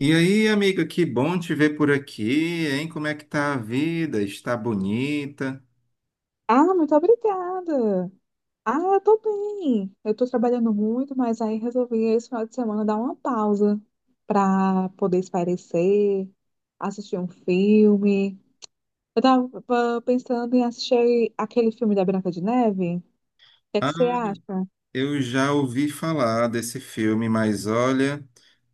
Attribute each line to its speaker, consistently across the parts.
Speaker 1: E aí, amiga, que bom te ver por aqui, hein? Como é que tá a vida? Está bonita?
Speaker 2: Ah, muito obrigada. Eu tô bem. Eu tô trabalhando muito, mas aí resolvi esse final de semana dar uma pausa pra poder espairecer, assistir um filme. Eu tava pensando em assistir aquele filme da Branca de Neve. O que é que
Speaker 1: Ah,
Speaker 2: você acha?
Speaker 1: eu já ouvi falar desse filme, mas olha,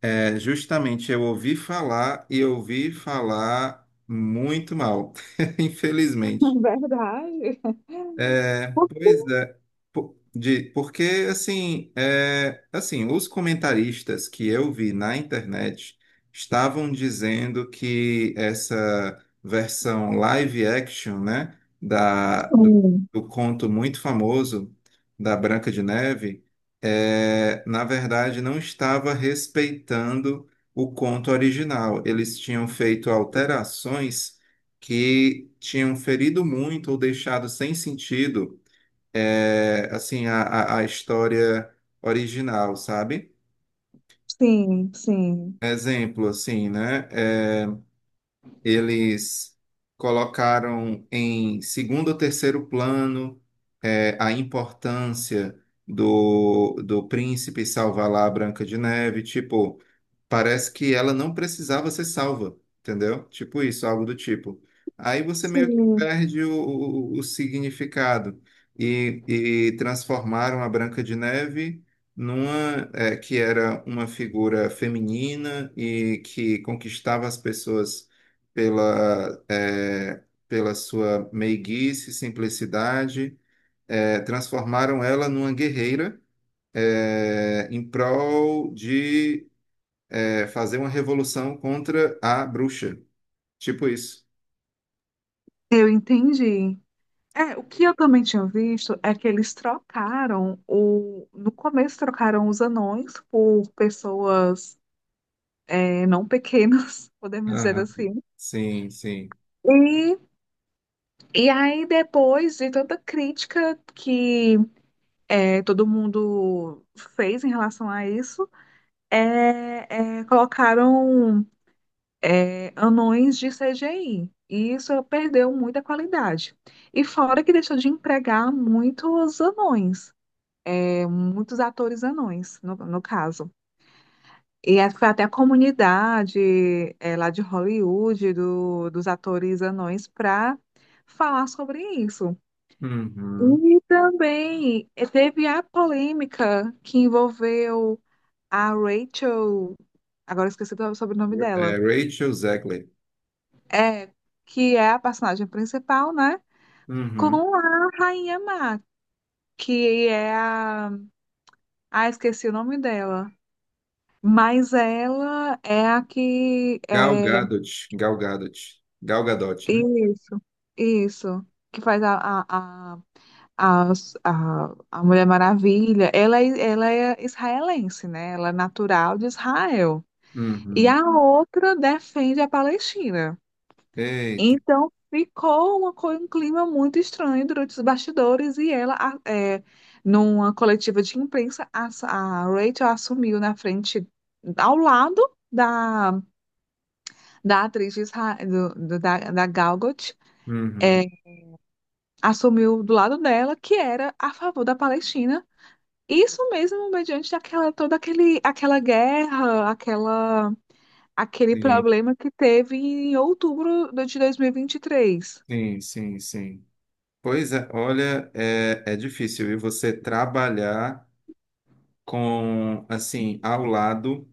Speaker 1: justamente eu ouvi falar e ouvi falar muito mal, infelizmente.
Speaker 2: Verdade?
Speaker 1: É, pois é. Porque, assim, os comentaristas que eu vi na internet estavam dizendo que essa versão live action, né,
Speaker 2: Sim,
Speaker 1: do conto muito famoso da Branca de Neve, é, na verdade, não estava respeitando o conto original. Eles tinham feito alterações que tinham ferido muito ou deixado sem sentido, assim a história original, sabe?
Speaker 2: sim, sim.
Speaker 1: Exemplo, assim, né? Eles colocaram em segundo ou terceiro plano, a importância do príncipe salvar lá a Branca de Neve. Tipo, parece que ela não precisava ser salva, entendeu? Tipo isso, algo do tipo. Aí você meio que
Speaker 2: Sim.
Speaker 1: perde o significado e transformaram a Branca de Neve numa que era uma figura feminina e que conquistava as pessoas pela, eh, pela sua meiguice, simplicidade, transformaram ela numa guerreira, em prol de fazer uma revolução contra a bruxa. Tipo isso.
Speaker 2: eu entendi. É, o que eu também tinha visto é que eles trocaram o. No começo trocaram os anões por pessoas não pequenas, podemos dizer
Speaker 1: Aham.
Speaker 2: assim.
Speaker 1: Sim, sim.
Speaker 2: E, e aí, depois de tanta crítica que todo mundo fez em relação a isso, colocaram anões de CGI. E isso perdeu muita qualidade. E fora que deixou de empregar muitos anões. Muitos atores anões, no caso. Foi até a comunidade lá de Hollywood, dos atores anões, para falar sobre isso.
Speaker 1: Uhum.
Speaker 2: E também teve a polêmica que envolveu a Rachel, agora eu esqueci do sobrenome
Speaker 1: É,
Speaker 2: dela,
Speaker 1: Rachel Zegler.
Speaker 2: é, que é a personagem principal, né?
Speaker 1: Uhum.
Speaker 2: Com a Rainha Má, que é a. Ah, esqueci o nome dela. Mas ela é a que
Speaker 1: Gal
Speaker 2: é
Speaker 1: Gadot. Gal Gadot. Gal Gadot, né?
Speaker 2: isso, isso, que faz a, a, a, a Mulher Maravilha. Ela é israelense, né? Ela é natural de Israel. E
Speaker 1: Uhum.
Speaker 2: a outra defende a Palestina.
Speaker 1: Eita.
Speaker 2: Então ficou um clima muito estranho durante os bastidores e numa coletiva de imprensa, a Rachel assumiu na frente, ao lado. Da da atriz de Isra- do, do- da, da Gal Gadot, é,
Speaker 1: Uhum.
Speaker 2: assumiu do lado dela que era a favor da Palestina. Isso mesmo, mediante aquela guerra, aquele
Speaker 1: Sim,
Speaker 2: problema que teve em outubro de 2023.
Speaker 1: sim, sim, sim. Pois é, olha, é difícil, viu? Você trabalhar com, assim, ao lado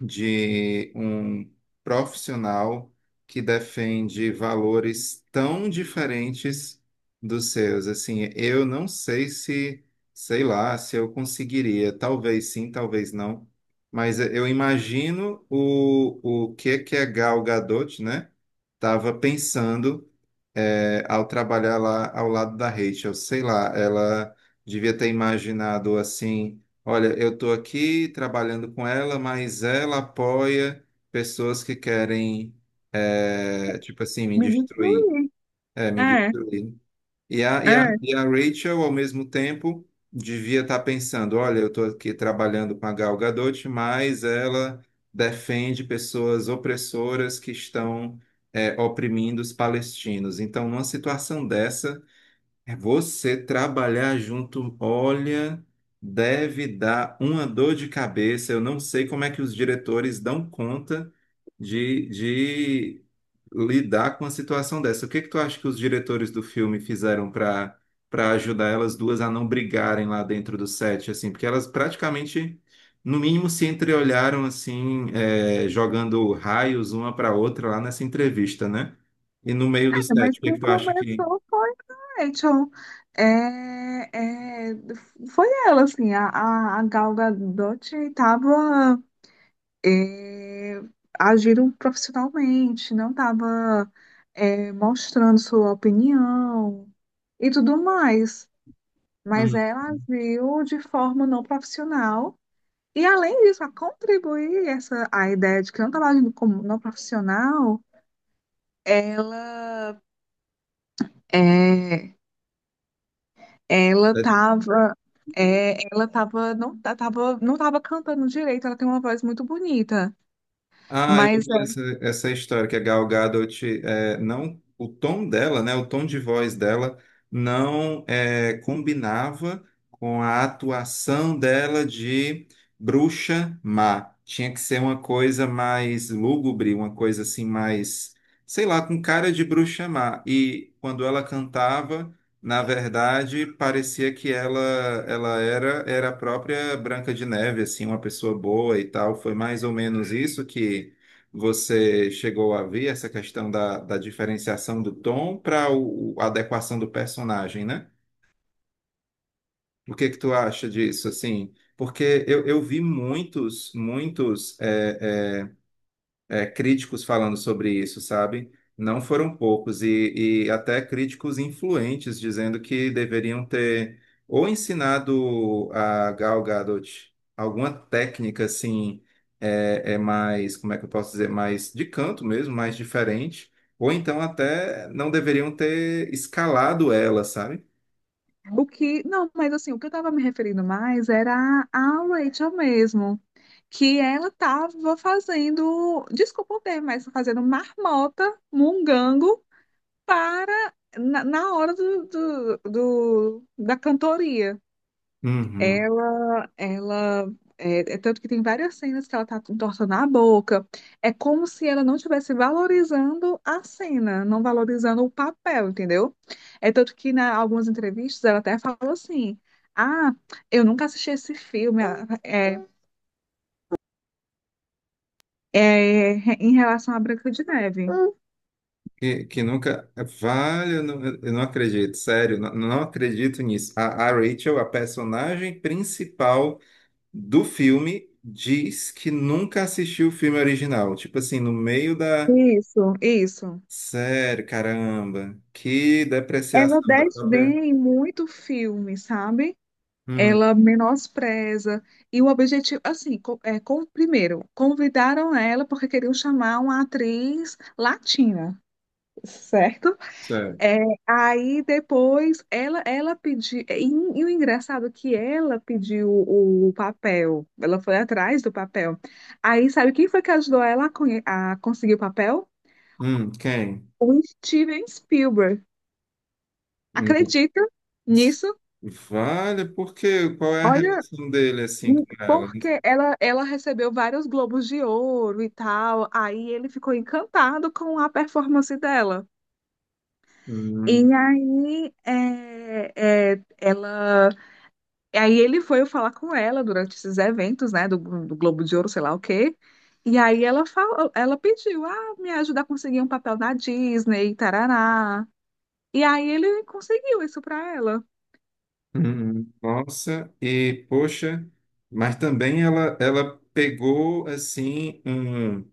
Speaker 1: de um profissional que defende valores tão diferentes dos seus. Assim, eu não sei se, sei lá, se eu conseguiria. Talvez sim, talvez não. Mas eu imagino o que que a Gal Gadot, né? Estava pensando, é, ao trabalhar lá ao lado da Rachel. Sei lá, ela devia ter imaginado assim: olha, eu estou aqui trabalhando com ela, mas ela apoia pessoas que querem, é, tipo assim, me
Speaker 2: Me
Speaker 1: destruir.
Speaker 2: destruí.
Speaker 1: É, me
Speaker 2: É,
Speaker 1: destruir. E a, e a,
Speaker 2: é.
Speaker 1: e a Rachel, ao mesmo tempo, devia estar pensando: olha, eu estou aqui trabalhando com a Gal Gadot, mas ela defende pessoas opressoras que estão, é, oprimindo os palestinos. Então, numa situação dessa. É. Você trabalhar junto, olha, deve dar uma dor de cabeça. Eu não sei como é que os diretores dão conta de lidar com a situação dessa. O que que tu acha que os diretores do filme fizeram para ajudar elas duas a não brigarem lá dentro do set, assim? Porque elas praticamente, no mínimo, se entreolharam assim, é, jogando raios uma para outra lá nessa entrevista, né? E no meio do
Speaker 2: Mas
Speaker 1: set, o que
Speaker 2: quem
Speaker 1: que tu acha que...
Speaker 2: começou foi a Rachel. É, é, foi ela, assim, a Gal Gadot estava é, agiram profissionalmente, não estava mostrando sua opinião e tudo mais. Mas
Speaker 1: Hum.
Speaker 2: ela agiu de forma não profissional. E além disso, a contribuir essa, a ideia de que não estava agindo como não profissional, ela é, ela
Speaker 1: É.
Speaker 2: estava ela tava, não tava cantando direito, ela tem uma voz muito bonita,
Speaker 1: Ah, eu
Speaker 2: mas
Speaker 1: vi essa história que a Gal Gadot, é, não, o tom dela, né, o tom de voz dela não é, combinava com a atuação dela de bruxa má. Tinha que ser uma coisa mais lúgubre, uma coisa assim mais, sei lá, com cara de bruxa má. E quando ela cantava, na verdade, parecia que ela... ela era a própria Branca de Neve, assim, uma pessoa boa e tal. Foi mais ou menos isso que você chegou a ver, essa questão da diferenciação do tom para a adequação do personagem, né? O que que tu acha disso, assim? Porque eu vi muitos críticos falando sobre isso, sabe? Não foram poucos, e até críticos influentes dizendo que deveriam ter ou ensinado a Gal Gadot alguma técnica assim, é mais, como é que eu posso dizer, mais de canto mesmo, mais diferente, ou então até não deveriam ter escalado ela, sabe?
Speaker 2: O que, não, mas assim, o que eu estava me referindo mais era a Rachel mesmo, que ela estava fazendo, desculpa o termo, mas fazendo marmota, mungango, para, na hora da cantoria.
Speaker 1: Uhum.
Speaker 2: É tanto que tem várias cenas que ela tá entortando a boca. É como se ela não estivesse valorizando a cena, não valorizando o papel, entendeu? É tanto que na algumas entrevistas ela até fala assim: Ah, eu nunca assisti esse filme ah, é, em relação à Branca de Neve.
Speaker 1: Que nunca. Vale, eu não acredito, sério, não acredito nisso. A Rachel, a personagem principal do filme, diz que nunca assistiu o filme original. Tipo assim, no meio da.
Speaker 2: Isso, isso.
Speaker 1: Sério, caramba, que
Speaker 2: Ela
Speaker 1: depreciação da própria.
Speaker 2: desdém muito filme, sabe?
Speaker 1: Hum,
Speaker 2: Ela menospreza. E o objetivo, assim, primeiro, convidaram ela porque queriam chamar uma atriz latina, certo?
Speaker 1: sério.
Speaker 2: É, aí depois ela pediu, e o engraçado é que ela pediu o, papel, ela foi atrás do papel. Aí sabe quem foi que ajudou ela a conseguir o papel?
Speaker 1: Quem?
Speaker 2: O Steven Spielberg.
Speaker 1: Hum.
Speaker 2: Acredita nisso?
Speaker 1: Vale, por quê? Qual é a
Speaker 2: Olha,
Speaker 1: relação dele assim
Speaker 2: hum,
Speaker 1: com ela?
Speaker 2: porque ela recebeu vários Globos de Ouro e tal, aí ele ficou encantado com a performance dela.
Speaker 1: Hum.
Speaker 2: E aí, e aí ele foi falar com ela durante esses eventos, né, do Globo de Ouro, sei lá o quê. E aí ela falou, ela pediu, ah, me ajuda a conseguir um papel na Disney, tarará. E aí ele conseguiu isso pra ela.
Speaker 1: Uhum. Nossa, e poxa, mas também ela pegou assim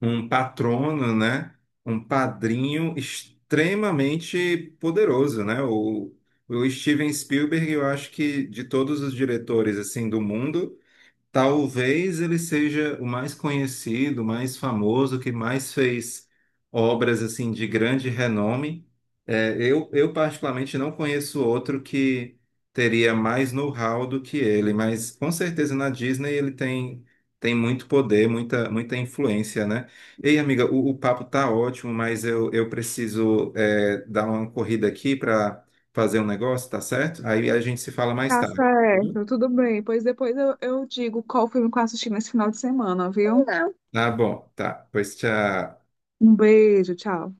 Speaker 1: um patrono, né? Um padrinho extremamente poderoso, né? O Steven Spielberg, eu acho que de todos os diretores assim do mundo, talvez ele seja o mais conhecido, o mais famoso, que mais fez obras assim de grande renome. É, eu particularmente não conheço outro que teria mais know-how do que ele, mas com certeza na Disney ele tem, tem muito poder, muita, muita influência, né? Ei, amiga, o papo tá ótimo, mas eu preciso, é, dar uma corrida aqui para fazer um negócio, tá certo? Aí a gente se fala mais
Speaker 2: Tá
Speaker 1: tarde.
Speaker 2: certo, tudo bem. Pois depois eu digo qual filme que eu assisti nesse final de semana, viu?
Speaker 1: Tá bom, tá. Pois tchau.
Speaker 2: Um beijo, tchau.